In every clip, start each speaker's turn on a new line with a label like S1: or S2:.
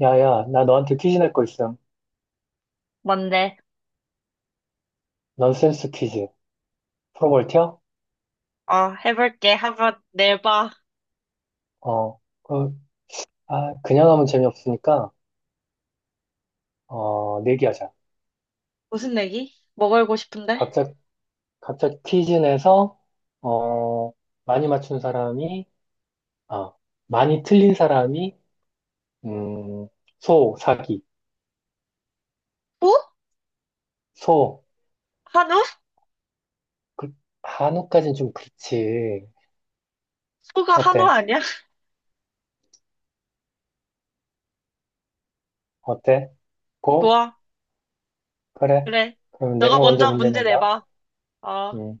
S1: 야야, 나 너한테 퀴즈 낼 거 있음.
S2: 뭔데?
S1: 넌센스 퀴즈. 풀어볼 티야?
S2: 어, 해볼게. 한번 내봐.
S1: 어, 그, 그냥 하면 재미없으니까, 내기하자.
S2: 무슨 내기? 뭐 걸고 싶은데?
S1: 각자, 각자 퀴즈 내서, 어, 많이 맞춘 사람이, 아, 많이 틀린 사람이, 음, 소, 사기.
S2: 소?
S1: 소,
S2: 한우?
S1: 그, 한우까진 좀 그렇지.
S2: 소가 한우
S1: 어때?
S2: 아니야?
S1: 어때? 고?
S2: 좋아.
S1: 그래.
S2: 그래.
S1: 그럼 내가
S2: 너가
S1: 먼저
S2: 먼저
S1: 문제
S2: 문제
S1: 낸다.
S2: 내봐. 어.
S1: 음,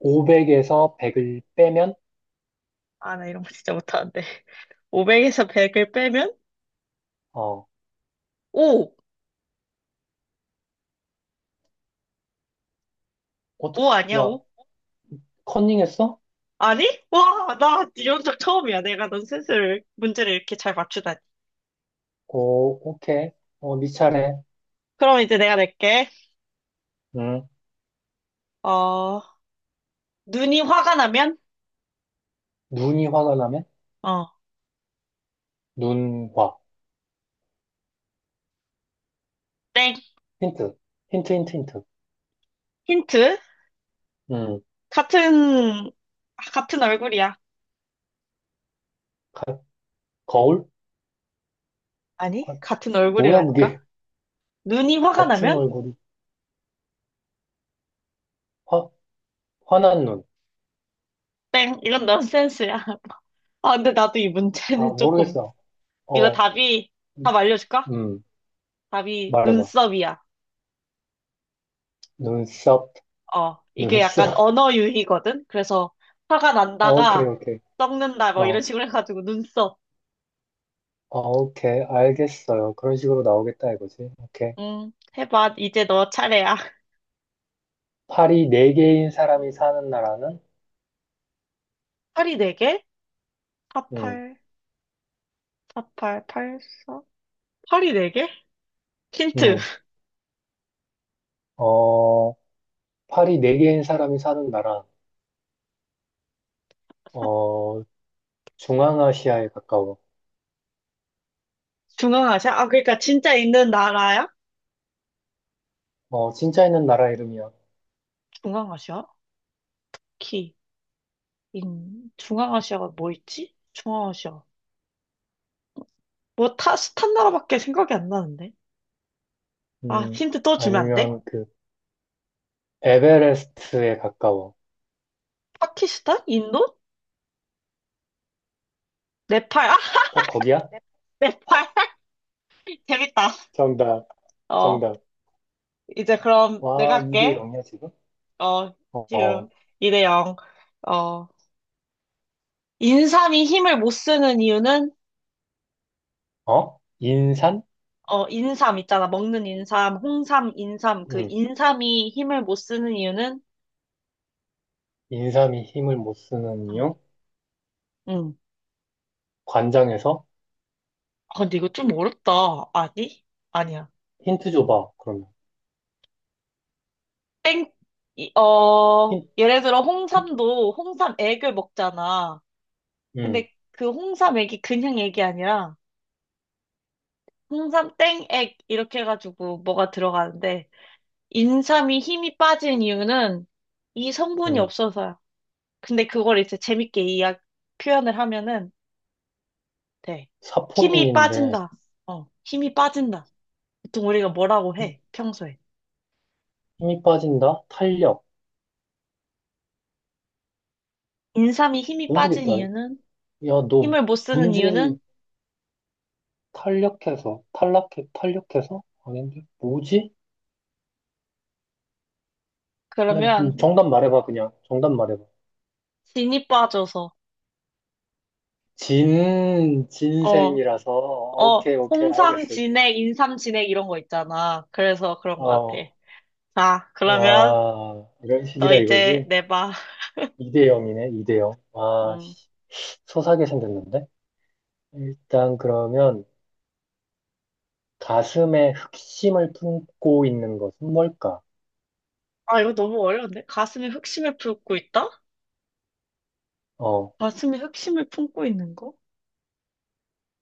S1: 500에서 100을 빼면,
S2: 아, 나 이런 거 진짜 못하는데. 500에서 100을 빼면?
S1: 어,
S2: 오.
S1: 어떻게,
S2: 오 아니야,
S1: 야,
S2: 오.
S1: 컨닝했어?
S2: 아니? 와, 나 이런 적 처음이야. 내가 넌 스스로 문제를 이렇게 잘 맞추다니.
S1: 오, 오케이. 네 차례.
S2: 그럼 이제 내가 낼게.
S1: 음,
S2: 어, 눈이 화가 나면?
S1: 눈이 화가 나면?
S2: 어,
S1: 눈화.
S2: 땡.
S1: 힌트. 힌트, 힌트, 힌트.
S2: 힌트?
S1: 음,
S2: 같은, 같은 얼굴이야.
S1: 가- 거울?
S2: 아니,
S1: 아,
S2: 같은
S1: 뭐야,
S2: 얼굴이라니까?
S1: 그게.
S2: 눈이 화가
S1: 같은
S2: 나면?
S1: 얼굴이. 화, 화난 눈.
S2: 땡, 이건 넌센스야. 아, 근데 나도 이
S1: 아,
S2: 문제는 조금,
S1: 모르겠어.
S2: 이거
S1: 어,
S2: 답이, 답
S1: 음,
S2: 알려줄까?
S1: 음,
S2: 답이
S1: 말해봐.
S2: 눈썹이야.
S1: 눈썹,
S2: 이게 약간
S1: 눈썹.
S2: 언어 유희거든? 그래서 화가
S1: 오케이,
S2: 난다가
S1: 오케이.
S2: 썩는다, 뭐 이런
S1: 어,
S2: 식으로 해가지고 눈썹.
S1: 오케이. 알겠어요. 그런 식으로 나오겠다, 이거지. 오케이.
S2: 해봐. 이제 너 차례야.
S1: 팔이 네 개인 사람이 사는 나라는?
S2: 팔이 네개
S1: 음,
S2: 48, 48, 84? 팔이 네개 힌트.
S1: 음, 어, 팔이 네개인 사람이 사는 나라, 어, 중앙아시아에 가까워.
S2: 중앙아시아? 아, 그러니까 진짜 있는 나라야?
S1: 진짜 있는 나라 이름이야.
S2: 중앙아시아? 키. 중앙아시아가 뭐 있지? 중앙아시아. 뭐 타, 스탄 나라밖에 생각이 안 나는데. 아,
S1: 음,
S2: 힌트 또 주면 안 돼?
S1: 아니면 에베레스트에 가까워.
S2: 파키스탄? 인도? 네팔? 아,
S1: 딱 거기야? 네.
S2: 네팔? 재밌다.
S1: 정답,
S2: 어,
S1: 정답.
S2: 이제 그럼 내가
S1: 와, 2대
S2: 할게.
S1: 0이야, 지금?
S2: 어,
S1: 어, 어,
S2: 지금 2대 0. 어, 인삼이 힘을 못 쓰는 이유는?
S1: 어? 인산?
S2: 어, 인삼 있잖아. 먹는 인삼, 홍삼, 인삼. 그
S1: 응,
S2: 인삼이 힘을 못 쓰는 이유는?
S1: 인삼이 힘을 못 쓰는
S2: 응.
S1: 이유?
S2: 응.
S1: 관장에서?
S2: 아, 근데 이거 좀 어렵다. 아니? 아니야.
S1: 힌트 줘봐, 그러면.
S2: 땡,
S1: 힌,
S2: 예를 들어
S1: 힌?
S2: 홍삼도 홍삼 액을 먹잖아.
S1: 응,
S2: 근데 그 홍삼 액이 그냥 액이 아니라 홍삼 땡액 이렇게 해가지고 뭐가 들어가는데 인삼이 힘이 빠진 이유는 이 성분이
S1: 응,
S2: 없어서야. 근데 그걸 이제 재밌게 이야 표현을 하면은 돼. 힘이
S1: 사포닌인데,
S2: 빠진다. 힘이 빠진다. 보통 우리가 뭐라고
S1: 힘-
S2: 해, 평소에.
S1: 힘이 빠진다? 탄력.
S2: 인삼이 힘이 빠진
S1: 모르겠다.
S2: 이유는?
S1: 야, 너
S2: 힘을 못 쓰는
S1: 문제를
S2: 이유는?
S1: 탄력해서, 탈락해, 탄력해서? 아닌데? 뭐지? 그냥
S2: 그러면
S1: 정답 말해봐, 그냥. 정답 말해봐.
S2: 진이 빠져서.
S1: 진,
S2: 어,
S1: 진생이라서,
S2: 어,
S1: 오케이, 오케이,
S2: 홍삼
S1: 알겠어.
S2: 진액, 인삼 진액 이런 거 있잖아. 그래서 그런 것 같아.
S1: 어,
S2: 자, 그러면
S1: 와, 이런
S2: 너
S1: 식이라
S2: 이제
S1: 이거지?
S2: 내봐.
S1: 2대 0이네, 2대 0. 와,
S2: 음.
S1: 씨, 소사게 생겼는데? 일단 그러면, 가슴에 흑심을 품고 있는 것은 뭘까?
S2: 아, 이거 너무 어려운데? 가슴에 흑심을 품고 있다?
S1: 어,
S2: 가슴에 흑심을 품고 있는 거?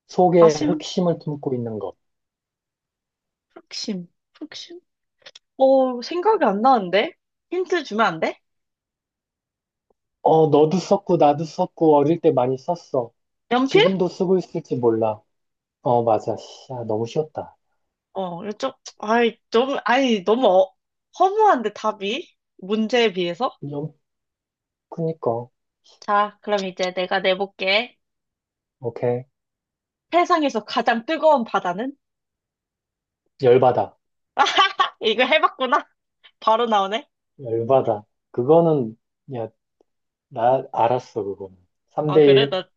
S1: 속에
S2: 가심?
S1: 흑심을 품고 있는 것.
S2: 흑심? 흑심? 생각이 안 나는데? 힌트 주면 안 돼?
S1: 너도 썼고, 나도 썼고, 어릴 때 많이 썼어.
S2: 연필?
S1: 지금도 쓰고 있을지 몰라. 맞아. 씨, 아, 너무 쉬웠다.
S2: 이거 좀, 아이, 좀, 아이, 너무 어- 허무한데, 답이? 문제에 비해서?
S1: 영, 그니까.
S2: 자, 그럼 이제 내가 내볼게.
S1: 오케이.
S2: 세상에서 가장 뜨거운 바다는?
S1: 열받아.
S2: 이거 해봤구나. 바로 나오네.
S1: 열받아. 그거는, 야, 나 알았어, 그거는.
S2: 아, 그래?
S1: 3대1.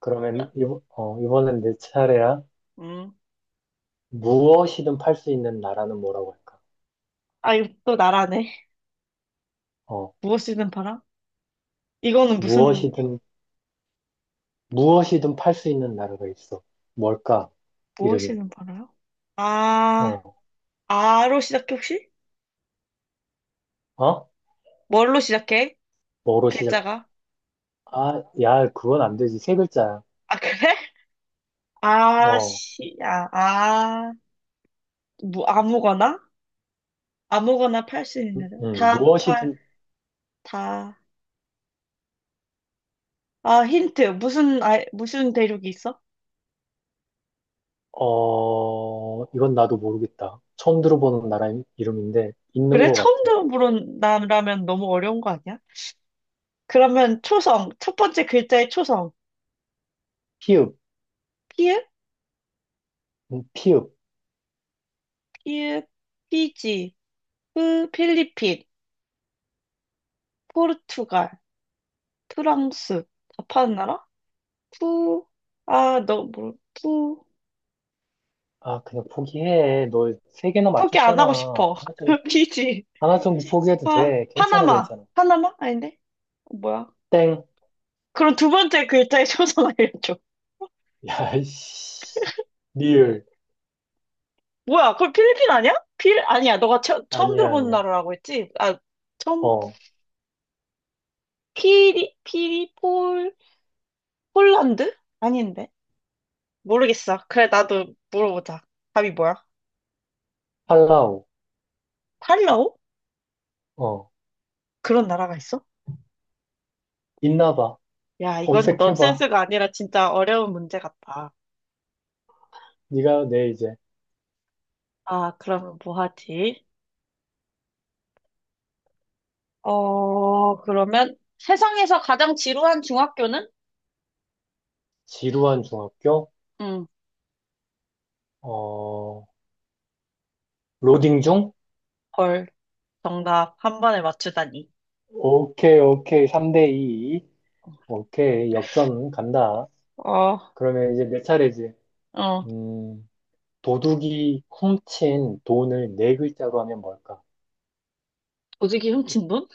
S1: 그러면,
S2: 나,
S1: 이번엔 내 차례야.
S2: 음.
S1: 무엇이든 팔 수 있는 나라는 뭐라고 할까?
S2: 아, 이거 또 나라네.
S1: 어,
S2: 무엇이든 바라? 이거는 무슨,
S1: 무엇이든, 무엇이든 팔 수 있는 나라가 있어. 뭘까? 이름이.
S2: 무엇이든 바라요? 아,
S1: 어,
S2: 아로 시작해, 혹시?
S1: 어?
S2: 뭘로 시작해?
S1: 뭐로 시작?
S2: 글자가?
S1: 아, 야, 그건 안 되지. 세 글자야.
S2: 아, 그래? 아,
S1: 어,
S2: 씨, 아, 뭐, 아무거나? 아무거나 팔 수 있는
S1: 음,
S2: 여자.
S1: 음,
S2: 다 팔,
S1: 무엇이든
S2: 다. 아, 힌트. 무슨, 아, 무슨 대륙이 있어?
S1: 이건 나도 모르겠다. 처음 들어보는 나라 이름인데, 있는
S2: 그래?
S1: 것
S2: 처음
S1: 같아.
S2: 들어보는 나라면 너무 어려운 거 아니야? 그러면 초성, 첫 번째 글자의 초성.
S1: 피읍,
S2: 피읍,
S1: 피읍.
S2: 피읍, 피지, 프, 필리핀, 포르투갈, 프랑스. 다 파는 나라? 푸, 아, 너, 뭐, 푸.
S1: 아, 그냥 포기해. 너 세 개나
S2: 포기 안 하고
S1: 맞췄잖아.
S2: 싶어.
S1: 하나 좀,
S2: 피지,
S1: 하나 정도 포기해도
S2: 파,
S1: 돼. 괜찮아,
S2: 파나마.
S1: 괜찮아.
S2: 파나마? 아닌데? 뭐야?
S1: 땡.
S2: 그럼 두 번째 글자의 초성 알려줘.
S1: 야, 이씨. 리을.
S2: 뭐야, 그럼 필리핀 아니야? 아니야, 너가 처음
S1: 아니야,
S2: 들어본
S1: 아니야.
S2: 나라라고 했지? 아, 처음,
S1: 어,
S2: 피리, 피리, 폴, 폴란드? 아닌데? 모르겠어. 그래, 나도 물어보자. 답이 뭐야?
S1: 팔라우.
S2: 팔로우?
S1: 어,
S2: 그런 나라가 있어?
S1: 있나 봐.
S2: 야, 이건
S1: 검색해봐.
S2: 넌센스가 아니라 진짜 어려운 문제 같다.
S1: 네가 내 이제
S2: 아, 그러면 뭐 하지? 그러면 세상에서 가장 지루한 중학교는?
S1: 지루한 중학교,
S2: 응,
S1: 어, 로딩 중?
S2: 헐. 정답 한 번에 맞추다니.
S1: 오케이, 오케이. 3대2. 오케이. 역전 간다.
S2: 어,
S1: 그러면 이제 내 차례지.
S2: 어,
S1: 음, 도둑이 훔친 돈을 네 글자로 하면 뭘까?
S2: 조직이 훔친 돈?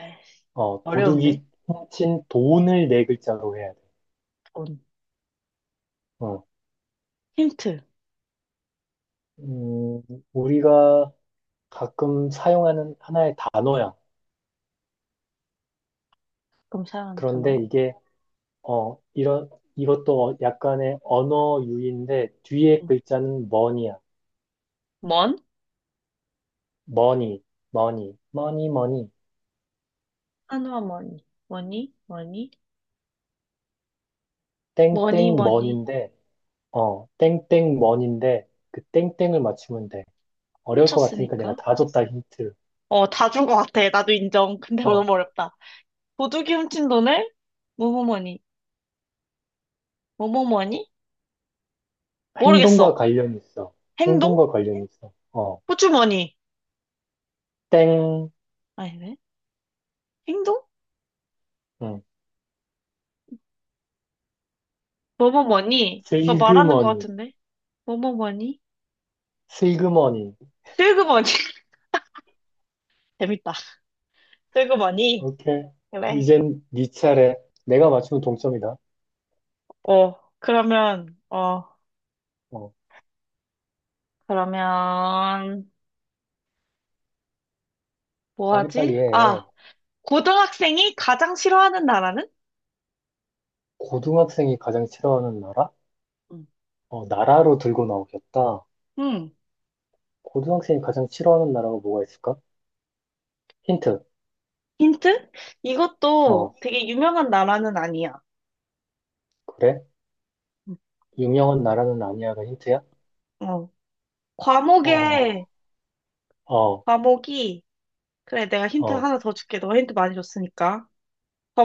S2: 에이씨, 어려운데?
S1: 도둑이 훔친 돈을 네 글자로 해야 돼.
S2: 돈.
S1: 어,
S2: 힌트.
S1: 음, 우리가 가끔 사용하는 하나의 단어야.
S2: 그럼 사용하는
S1: 그런데
S2: 단어?
S1: 이게, 어, 이런, 이것도 약간의 언어 유희인데, 뒤에
S2: 응.
S1: 글자는 money야.
S2: 먼?
S1: money, money, money, money,
S2: 한화 머니. 머니? 머니? 머니,
S1: 땡땡 m
S2: 머니.
S1: 인데 땡땡 money인데, 그 땡땡을 맞추면 돼. 어려울 것 같으니까
S2: 훔쳤으니까.
S1: 내가 다 줬다, 힌트.
S2: 다 준 것 같아. 나도 인정. 근데
S1: 어,
S2: 너무 어렵다. 도둑이 훔친 돈을 뭐뭐뭐니? 뭐뭐뭐니?
S1: 행동과
S2: 모르겠어.
S1: 관련이 있어.
S2: 행동?
S1: 행동과 관련이 있어.
S2: 호주머니.
S1: 땡,
S2: 아니네. 행동?
S1: 응.
S2: 뭐뭐뭐니? 그거 말하는 것
S1: 슬그머니,
S2: 같은데. 뭐뭐뭐니?
S1: 슬그머니.
S2: 슬그머니. 재밌다. 슬그머니.
S1: 오케이.
S2: 그래.
S1: 이젠 네 차례. 내가 맞추면 동점이다.
S2: 어, 그러면, 어,
S1: 어,
S2: 그러면, 뭐
S1: 빨리빨리
S2: 하지?
S1: 해.
S2: 아, 고등학생이 가장 싫어하는 나라는?
S1: 고등학생이 가장 싫어하는 나라?
S2: 음,
S1: 나라로 들고 나오겠다.
S2: 음,
S1: 고등학생이 가장 싫어하는 나라가 뭐가 있을까? 힌트.
S2: 힌트? 이것도
S1: 어,
S2: 되게 유명한 나라는 아니야.
S1: 그래?
S2: 음.
S1: 유명한 나라는 아니야가 힌트야?
S2: 어.
S1: 어,
S2: 과목에,
S1: 어,
S2: 과목이, 그래, 내가 힌트
S1: 어,
S2: 하나 더 줄게. 너 힌트 많이 줬으니까.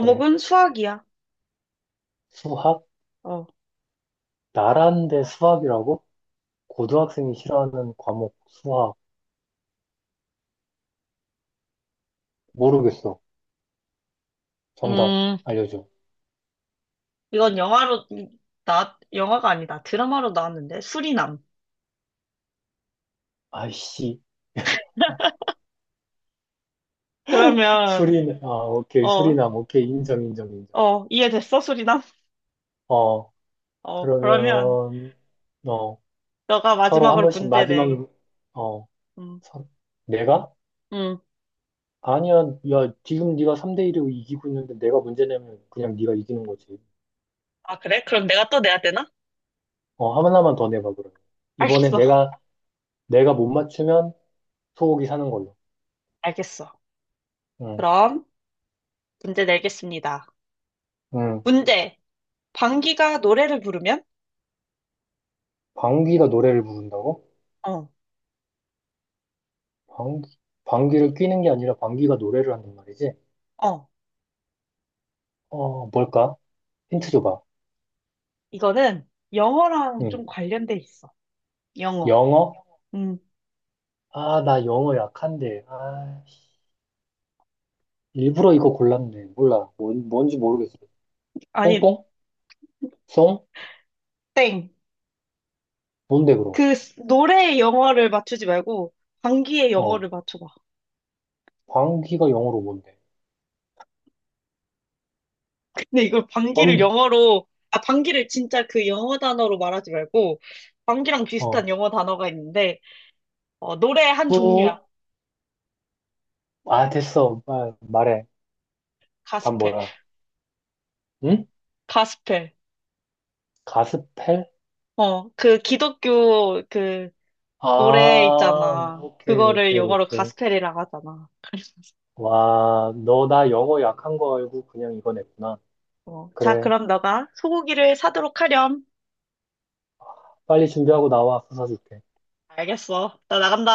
S1: 그래.
S2: 수학이야.
S1: 수학?
S2: 어.
S1: 나란대 수학이라고? 고등학생이 싫어하는 과목 수학. 모르겠어. 정답
S2: 음,
S1: 알려줘.
S2: 이건 영화로, 나, 영화가 아니다. 드라마로 나왔는데, 수리남.
S1: 아이씨.
S2: 그러면,
S1: 아, 오케이.
S2: 어,
S1: 수리남. 오케이. 인정, 인정, 인정.
S2: 이해됐어, 수리남?
S1: 어,
S2: 그러면,
S1: 그러면, 어,
S2: 너가
S1: 서로 한
S2: 마지막으로
S1: 번씩
S2: 문제
S1: 마지막,
S2: 내.
S1: 어,
S2: 음,
S1: 서, 내가?
S2: 음.
S1: 아니야. 야, 지금 네가 3대1로 이기고 있는데 내가 문제 내면 그냥 네가 이기는 거지.
S2: 아, 그래? 그럼 내가 또 내야 되나?
S1: 하나만 더 내봐, 그러면. 이번에
S2: 알겠어.
S1: 내가 못 맞추면 소고기 사는 걸로.
S2: 알겠어.
S1: 응,
S2: 그럼, 문제 내겠습니다.
S1: 응.
S2: 문제. 방귀가 노래를 부르면?
S1: 방귀가 노래를 부른다고?
S2: 어.
S1: 방귀, 방귀를 뀌는 게 아니라 방귀가 노래를 한단 말이지?
S2: 어.
S1: 뭘까? 힌트 줘봐.
S2: 이거는 영어랑
S1: 응.
S2: 좀 관련돼 있어. 영어.
S1: 영어?
S2: 음,
S1: 아, 나 영어 약한데. 아, 일부러 이거 골랐네. 몰라. 뭔지 모르겠어.
S2: 아니,
S1: 뽕뽕? 송?
S2: 땡.
S1: 뭔데, 그럼?
S2: 그 노래의 영어를 맞추지 말고 방귀의
S1: 어,
S2: 영어를 맞춰봐.
S1: 방귀가 영어로 뭔데?
S2: 근데 이걸 방귀를
S1: 방
S2: 영어로, 아, 방귀를 진짜 그 영어 단어로 말하지 말고 방귀랑
S1: 어,
S2: 비슷한 영어 단어가 있는데 노래 한 종류야.
S1: 뿌? 아, 됐어. 말해. 답
S2: 가스펠.
S1: 뭐야? 응?
S2: 가스펠.
S1: 가스펠?
S2: 그 기독교 그
S1: 아,
S2: 노래 있잖아.
S1: 오케이,
S2: 그거를
S1: 오케이,
S2: 영어로
S1: 오케이.
S2: 가스펠이라고 하잖아.
S1: 와, 너 나 영어 약한 거 알고 그냥 이거 냈구나.
S2: 자,
S1: 그래.
S2: 그럼 너가 소고기를 사도록 하렴.
S1: 빨리 준비하고 나와 부서줄게.
S2: 알겠어. 나 나간다.